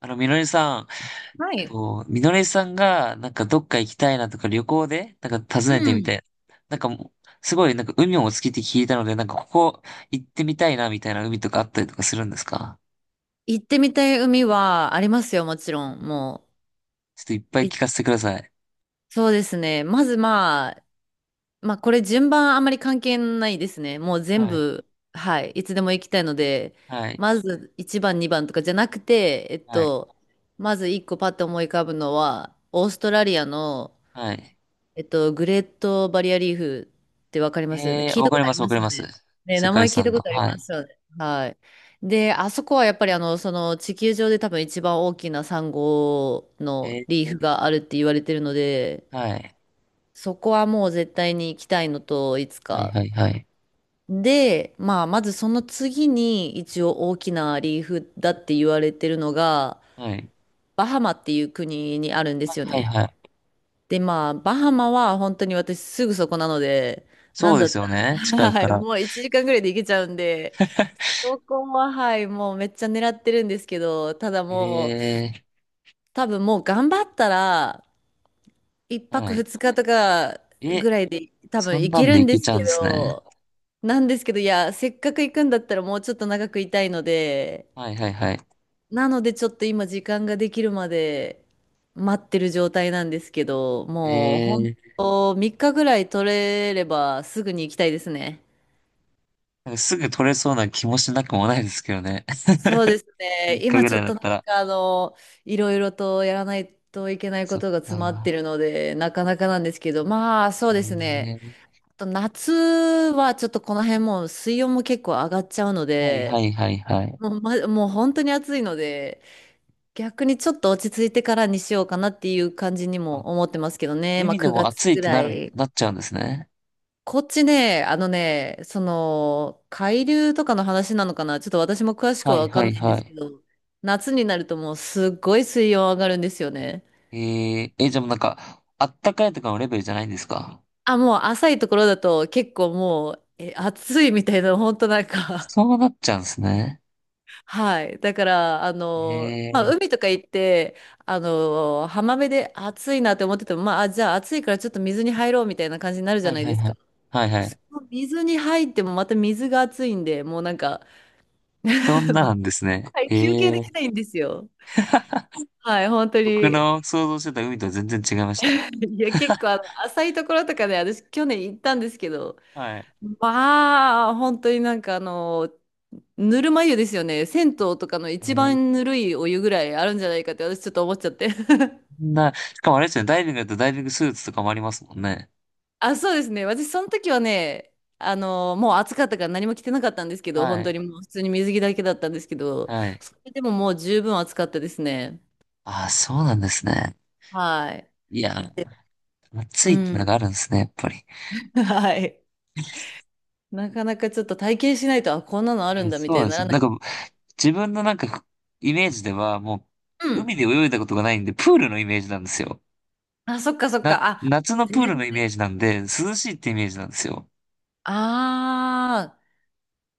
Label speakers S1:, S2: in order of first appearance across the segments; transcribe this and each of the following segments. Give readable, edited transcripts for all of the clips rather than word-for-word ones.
S1: みのりさん、
S2: はい。
S1: と、みのりさんが、なんかどっか行きたいなとか旅行で、なんか訪
S2: う
S1: ねてみた
S2: ん。
S1: い。なんかもう、すごい、なんか海もお好きって聞いたので、なんかここ行ってみたいなみたいな海とかあったりとかするんですか？
S2: 行ってみたい海はありますよ、もちろん。も
S1: ちょっといっぱい
S2: う。い
S1: 聞かせてください。
S2: そうですね。まずまあ、まあこれ順番あまり関係ないですね。もう全
S1: はい、
S2: 部、はい。いつでも行きたいので、
S1: はい、
S2: まず1番、2番とかじゃなくて、
S1: はい、
S2: まず1個パッと思い浮かぶのは、オーストラリアの
S1: はい。
S2: グレートバリアリーフってわかりますよね。聞い
S1: わ
S2: た
S1: か
S2: こ
S1: り
S2: とあ
S1: ま
S2: り
S1: す、わ
S2: ま
S1: か
S2: す
S1: り
S2: よ
S1: ます。
S2: ね。ね、
S1: 世
S2: 名
S1: 界遺
S2: 前聞い
S1: 産
S2: たこ
S1: の。
S2: とあり
S1: は
S2: ま
S1: い。
S2: すよね。はい。で、あそこはやっぱりその地球上で多分一番大きなサンゴの
S1: え
S2: リーフがあるって言われてるので、
S1: はい、
S2: そこはもう絶対に行きたいのと、いつ
S1: はい、
S2: か。
S1: はい、はい。
S2: で、まあ、まずその次に一応大きなリーフだって言われてるのが、
S1: はい、
S2: バハマっていう国にあるんですよ
S1: はい、
S2: ね。
S1: はい。
S2: で、まあ、バハマは本当に私すぐそこなので、な
S1: そう
S2: ん
S1: で
S2: だっ
S1: す
S2: た
S1: よ
S2: ら、
S1: ね。近 い
S2: は
S1: か
S2: い、
S1: ら。
S2: もう1時間ぐらいで行けちゃうんで、そこは、はい、もうめっちゃ狙ってるんですけど、ただ
S1: え
S2: もう、多分もう頑張ったら、1泊
S1: はい。
S2: 2日とかぐ
S1: え、
S2: らいで多
S1: そ
S2: 分
S1: ん
S2: 行
S1: な
S2: け
S1: んで
S2: るん
S1: 行
S2: で
S1: け
S2: す
S1: ちゃう
S2: け
S1: んですね。
S2: ど、なんですけど、いや、せっかく行くんだったらもうちょっと長くいたいので、
S1: はい、はい、はい。
S2: なのでちょっと今時間ができるまで待ってる状態なんですけど、もう本
S1: ええ、
S2: 当3日ぐらい取れればすぐに行きたいですね。
S1: なんかすぐ取れそうな気もしなくもないですけどね。
S2: そう ですね。
S1: 3日
S2: 今
S1: ぐ
S2: ち
S1: ら
S2: ょ
S1: い
S2: っ
S1: だっ
S2: とな
S1: た
S2: ん
S1: ら。
S2: かいろいろとやらないといけないこ
S1: そっ
S2: とが詰まっ
S1: か。
S2: てるので、なかなかなんですけど、まあそうです
S1: え
S2: ね。
S1: え、
S2: あと夏はちょっとこの辺もう水温も結構上がっちゃうの
S1: はいは
S2: で、
S1: いはいはい。
S2: もう、ま、もう本当に暑いので、逆にちょっと落ち着いてからにしようかなっていう感じに
S1: あ、
S2: も思ってますけどね。まあ
S1: 海でも
S2: 9月
S1: 暑いっ
S2: ぐ
S1: て
S2: らい。
S1: なっちゃうんですね。
S2: こっちね、あのね、その、海流とかの話なのかなちょっと私も詳しく
S1: は
S2: は
S1: い
S2: わか
S1: は
S2: んな
S1: い
S2: いんで
S1: は
S2: すけ
S1: い。
S2: ど、夏になるともうすっごい水温上がるんですよね。
S1: えええ、じゃあもうなんか、あったかいとかのレベルじゃないんですか？
S2: あ、もう浅いところだと結構もう、え、暑いみたいな、本当なんか
S1: そうなっちゃうんですね。
S2: はい。だから、まあ、
S1: ええ、
S2: 海とか行って、浜辺で暑いなって思ってても、まあ、あじゃあ暑いからちょっと水に入ろうみたいな感じになるじ
S1: は
S2: ゃ
S1: い
S2: ない
S1: は
S2: で
S1: い
S2: す
S1: はい。
S2: か。
S1: はいは
S2: そ
S1: い。
S2: の水に入ってもまた水が暑いんで、もうなんか、
S1: そんななんですね。
S2: はい、
S1: え
S2: 休憩で
S1: え。
S2: きないんですよ。はい、本当
S1: 僕
S2: に。
S1: の想像してた海とは全然違いました。
S2: いや、結構浅いところとかね、私去年行ったんですけど、
S1: はい。
S2: まあ、本当になんかぬるま湯ですよね。銭湯とかの一
S1: え
S2: 番
S1: え、
S2: ぬるいお湯ぐらいあるんじゃないかって私ちょっと思っちゃって。
S1: しかもあれですね、ダイビングだとダイビングスーツとかもありますもんね。
S2: あ、そうですね。私、その時はね、もう暑かったから何も着てなかったんですけど、
S1: は
S2: 本当に
S1: い。
S2: もう普通に水着だけだったんですけど、
S1: はい。
S2: それでももう十分暑かったですね。
S1: ああ、そうなんですね。
S2: はい。
S1: いや、
S2: で、う
S1: 暑いってのが
S2: ん。
S1: あるんですね、やっぱり。
S2: はい。なかなかちょっと体験しないと、あ、こんなのあ
S1: は
S2: るん
S1: い、
S2: だみ
S1: そう
S2: たい
S1: なん
S2: に
S1: で
S2: な
S1: す
S2: ら
S1: よ。
S2: な
S1: なん
S2: い。
S1: か、自分のなんか、イメージでは、
S2: うん。
S1: 海で泳いだことがないんで、プールのイメージなんですよ。
S2: あ、そっかそっ
S1: な、
S2: か。あ、
S1: 夏のプー
S2: 全
S1: ルのイメー
S2: 然。
S1: ジなんで、涼しいってイメージなんですよ。
S2: あ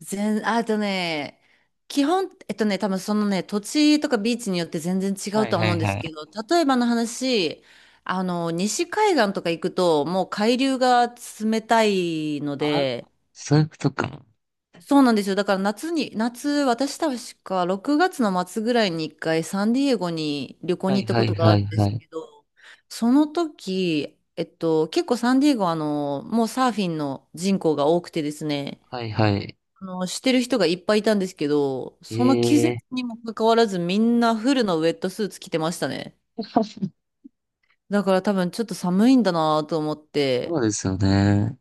S2: 全、あとね、基本、えっとね、多分そのね、土地とかビーチによって全然違
S1: は
S2: う
S1: い
S2: とは
S1: は
S2: 思う
S1: い
S2: んで
S1: は
S2: すけ
S1: い。
S2: ど、例えばの話、西海岸とか行くと、もう海流が冷たいの
S1: あ、
S2: で、
S1: そういうことか。
S2: そうなんですよ。だから夏に、夏、私確か6月の末ぐらいに一回サンディエゴに旅行
S1: は
S2: に
S1: い
S2: 行った
S1: は
S2: こ
S1: い
S2: とがあ
S1: は
S2: る
S1: い
S2: んで
S1: は
S2: す
S1: い。
S2: けど、その時、結構サンディエゴはもうサーフィンの人口が多くてですね、
S1: はいはい。
S2: してる人がいっぱいいたんですけど、
S1: え
S2: その季
S1: え
S2: 節
S1: ー。
S2: にもかかわらずみんなフルのウェットスーツ着てましたね。だから多分ちょっと寒いんだなと思っ
S1: そ
S2: て。
S1: うですよね。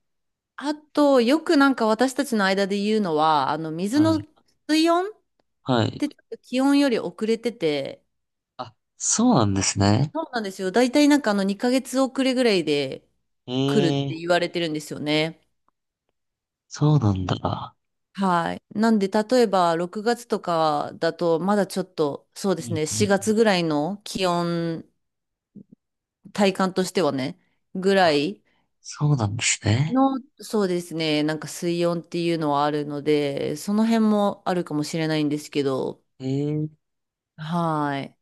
S2: あと、よくなんか私たちの間で言うのは、
S1: はい。
S2: 水温っ
S1: はい。
S2: てちょっと気温より遅れてて、
S1: あ、そうなんですね。
S2: そうなんですよ。だいたいなんかあの2ヶ月遅れぐらいで
S1: え
S2: 来るっ
S1: え、
S2: て言われてるんですよね。
S1: そうなんだ。
S2: はい。なんで、例えば6月とかだと、まだちょっと、そう
S1: う
S2: です
S1: ん
S2: ね、
S1: う
S2: 4
S1: ん。
S2: 月ぐらいの気温体感としてはね、ぐらい
S1: そうなんですね。
S2: の、そうですね、なんか水温っていうのはあるので、その辺もあるかもしれないんですけど、
S1: ええ、
S2: はい。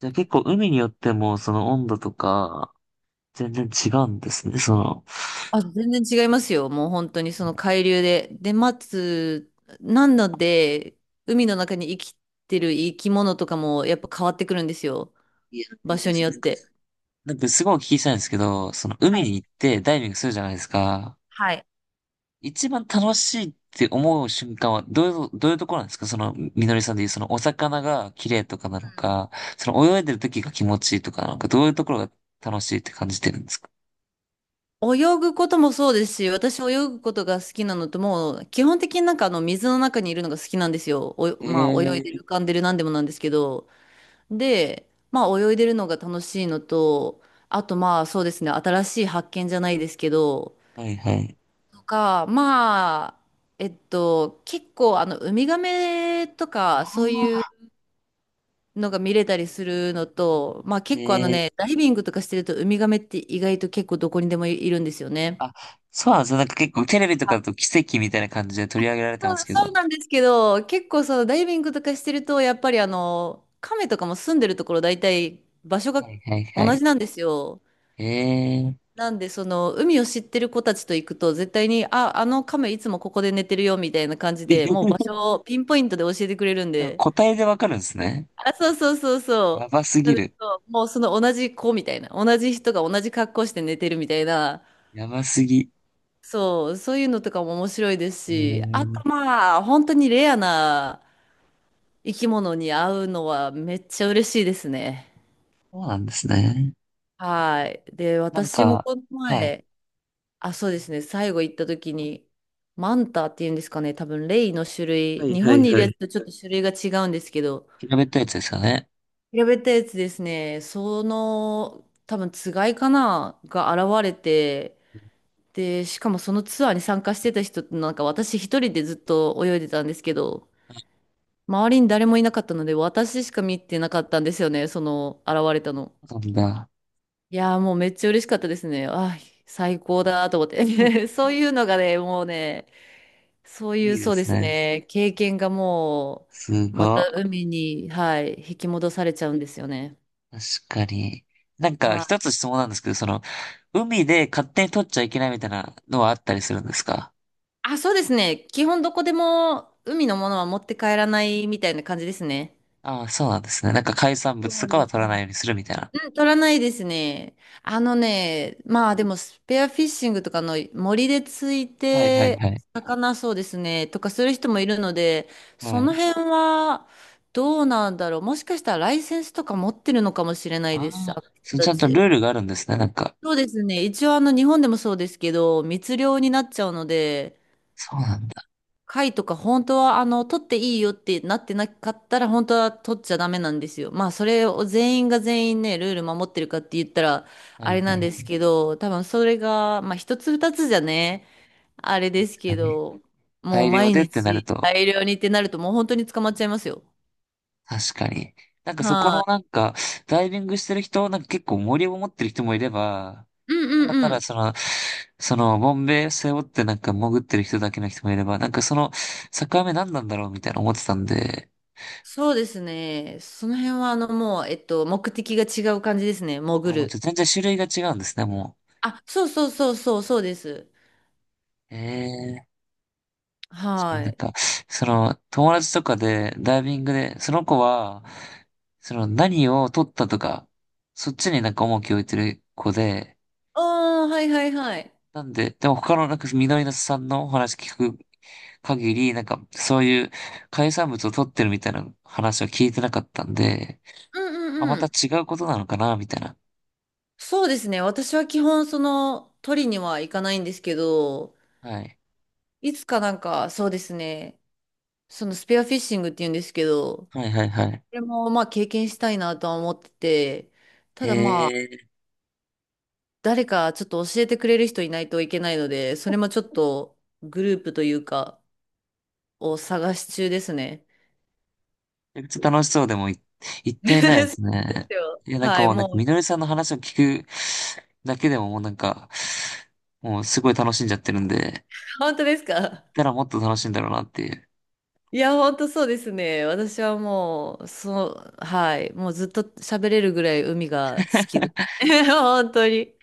S1: じゃあ結構海によってもその温度とか全然違うんですね、その。
S2: あ、全然違いますよ。もう本当にその海流で。で、待つ、なので、海の中に生きてる生き物とかもやっぱ変わってくるんですよ。
S1: いや、い
S2: 場
S1: い
S2: 所
S1: で
S2: に
S1: す
S2: よっ
S1: ね。
S2: て。
S1: なんかすごいお聞きしたいんですけど、その海
S2: はい。
S1: に行ってダイビングするじゃないですか。
S2: はい。
S1: 一番楽しいって思う瞬間はどういう、どういうところなんですか？そのみのりさんで言うそのお魚が綺麗とかなの
S2: うん
S1: か、その泳いでる時が気持ちいいとか、なのかどういうところが楽しいって感じてるんですか？
S2: 泳ぐこともそうですし、私泳ぐことが好きなのと、もう基本的になんか水の中にいるのが好きなんですよ。おまあ泳い
S1: え
S2: で
S1: え、
S2: る浮かんでるなんでもなんですけど。で、まあ泳いでるのが楽しいのと、あとまあそうですね、新しい発見じゃないですけど、
S1: はいはい。
S2: とか、まあ、結構あのウミガメと
S1: あ
S2: かそういう
S1: あ、
S2: のが見れたりするのと、まあ結構あの
S1: え
S2: ね、
S1: え、
S2: ダイビングとかしてるとウミガメって意外と結構どこにでもいるんですよね。
S1: あ、そうなんですよ。なんか結構テレビとかだと奇跡みたいな感じで取り上げられて
S2: そ
S1: ま
S2: う
S1: すけど。
S2: そう
S1: は
S2: なんですけど、結構そのダイビングとかしてると、やっぱり亀とかも住んでるところ大体場所が
S1: いはいは
S2: 同
S1: い。
S2: じなんですよ。
S1: ええ。
S2: なんでその海を知ってる子たちと行くと絶対に、あ、あの亀いつもここで寝てるよみたいな感じで、もう場 所をピンポイントで教えてくれるんで。
S1: 答えでわかるんですね。
S2: あ、そうそうそう
S1: や
S2: そ
S1: ばす
S2: う。な
S1: ぎ
S2: んで
S1: る。
S2: そう、もうその同じ子みたいな、同じ人が同じ格好して寝てるみたいな、
S1: やばすぎ。
S2: そう、そういうのとかも面白いです
S1: うー
S2: し、あ
S1: ん、
S2: とまあ、本当にレアな、生き物に会うのはめっちゃ嬉しいですね。
S1: そうなんですね。
S2: はい。で、
S1: なん
S2: 私も
S1: か、
S2: この
S1: はい。
S2: 前、あ、そうですね、最後行った時に、マンタっていうんですかね、多分レイの種
S1: は
S2: 類、
S1: い
S2: 日
S1: は
S2: 本
S1: い
S2: にいる
S1: は
S2: や
S1: い。
S2: つとちょっと種類が違うんですけど、
S1: 調べったいやつですよね。
S2: 調べたやつですね、その、多分つがいかな、が現れて、で、しかもそのツアーに参加してた人ってなんか私一人でずっと泳いでたんですけど、周りに誰もいなかったので、私しか見てなかったんですよね、その現れたの。
S1: そうなんだ。
S2: いやー、もうめっちゃ嬉しかったですね。あー、最高だと思っ て。そういうのがね、もうね、そうい
S1: い
S2: う、
S1: いで
S2: そうで
S1: す
S2: す
S1: ね。
S2: ね、経験がも
S1: す
S2: う、ま
S1: ご
S2: た
S1: い。
S2: 海に、はい、引き戻されちゃうんですよね。
S1: 確かに。なんか
S2: は
S1: 一つ
S2: い。
S1: 質問なんですけど、その、海で勝手に取っちゃいけないみたいなのはあったりするんですか？
S2: あ、そうですね。基本どこでも海のものは持って帰らないみたいな感じですね。
S1: ああー、そうなんですね。なんか海産物と
S2: そうで
S1: かは取
S2: す
S1: らない
S2: ね。
S1: ようにするみたいな。
S2: うん、取らないですね。あのね、まあでもスペアフィッシングとかの森でつい
S1: はいはい
S2: て、
S1: はい。
S2: 魚そうですね、とかする人もいるので、そ
S1: は
S2: の
S1: い。
S2: 辺はどうなんだろう。もしかしたらライセンスとか持ってるのかもしれない
S1: あ
S2: です、あ
S1: あ、
S2: の人
S1: そう、ち
S2: た
S1: ゃんと
S2: ち。
S1: ルールがあるんですね。なんか、
S2: そうですね。一応日本でもそうですけど、密漁になっちゃうので、
S1: そうなんだ。
S2: 貝とか本当は取っていいよってなってなかったら本当は取っちゃダメなんですよ。まあそれを全員が全員ねルール守ってるかって言ったら
S1: は
S2: あ
S1: い
S2: れ
S1: は
S2: なんです
S1: い。
S2: けど多分それがまあ一つ二つじゃねあれです
S1: 確か
S2: け
S1: に。
S2: どもう
S1: 大量
S2: 毎
S1: でってなる
S2: 日
S1: と、
S2: 大量にってなるともう本当に捕まっちゃいますよ。
S1: 確かに。なんかそこ
S2: は
S1: のなんか、ダイビングしてる人、なんか結構森を持ってる人もいれば、
S2: い。う
S1: た
S2: ん
S1: だ
S2: うん
S1: た
S2: う
S1: だ
S2: ん。
S1: その、その、ボンベ背負ってなんか潜ってる人だけの人もいれば、なんかその、境目何なんだろうみたいな思ってたんで、
S2: そうですね。その辺はあのもう目的が違う感じですね。
S1: あ、
S2: 潜
S1: もうちょっ
S2: る。
S1: と全然種類が違うんですね、も
S2: あ、そうそうそうそうそうです。
S1: う。ええ、確かに
S2: は
S1: なん
S2: い。
S1: か、その、友達とかで、ダイビングで、その子は、その、何を取ったとか、そっちになんか重きを置いてる子で、
S2: ああ、はいはいはい。
S1: なんで、でも他のなんか、緑のさんのお話聞く限り、なんか、そういう海産物を取ってるみたいな話は聞いてなかったんで、
S2: うん
S1: あ、
S2: う
S1: ま
S2: んう
S1: た
S2: ん。
S1: 違うことなのかなみたいな。
S2: そうですね。私は基本、その、取りには行かないんですけど、
S1: はい。
S2: いつかなんか、そうですね。そのスペアフィッシングって言うんですけど、こ
S1: はいはいはい。
S2: れもまあ経験したいなとは思ってて、た
S1: え
S2: だまあ、
S1: ー、
S2: 誰かちょっと教えてくれる人いないといけないので、それもちょっとグループというか、を探し中ですね。
S1: めっちゃ楽しそうでもい、行っ てみ
S2: そう
S1: たいで
S2: です
S1: すね。
S2: よ。
S1: いや、なんか
S2: はい、
S1: もう、なんか、
S2: も
S1: み
S2: う、
S1: のりさんの話を聞くだけでももうなんか、もうすごい楽しんじゃってるんで、行っ
S2: 本当ですか？
S1: たらもっと楽しいんだろうなっていう。
S2: いや、本当そうですね。私はもう、そう、はい。もうずっと喋れるぐらい海が好きです。本当に。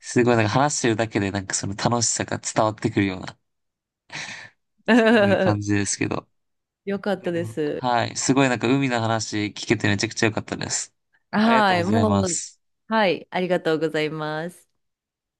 S1: すごいなんか話してるだけでなんかその楽しさが伝わってくるような、すごい感じ ですけど。
S2: よかっ
S1: いや
S2: た
S1: で
S2: で
S1: も、
S2: す。
S1: はい。すごいなんか海の話聞けてめちゃくちゃ良かったです。ありがとう
S2: は
S1: ご
S2: い。
S1: ざい
S2: も
S1: ま
S2: う、
S1: す。
S2: はい。ありがとうございます。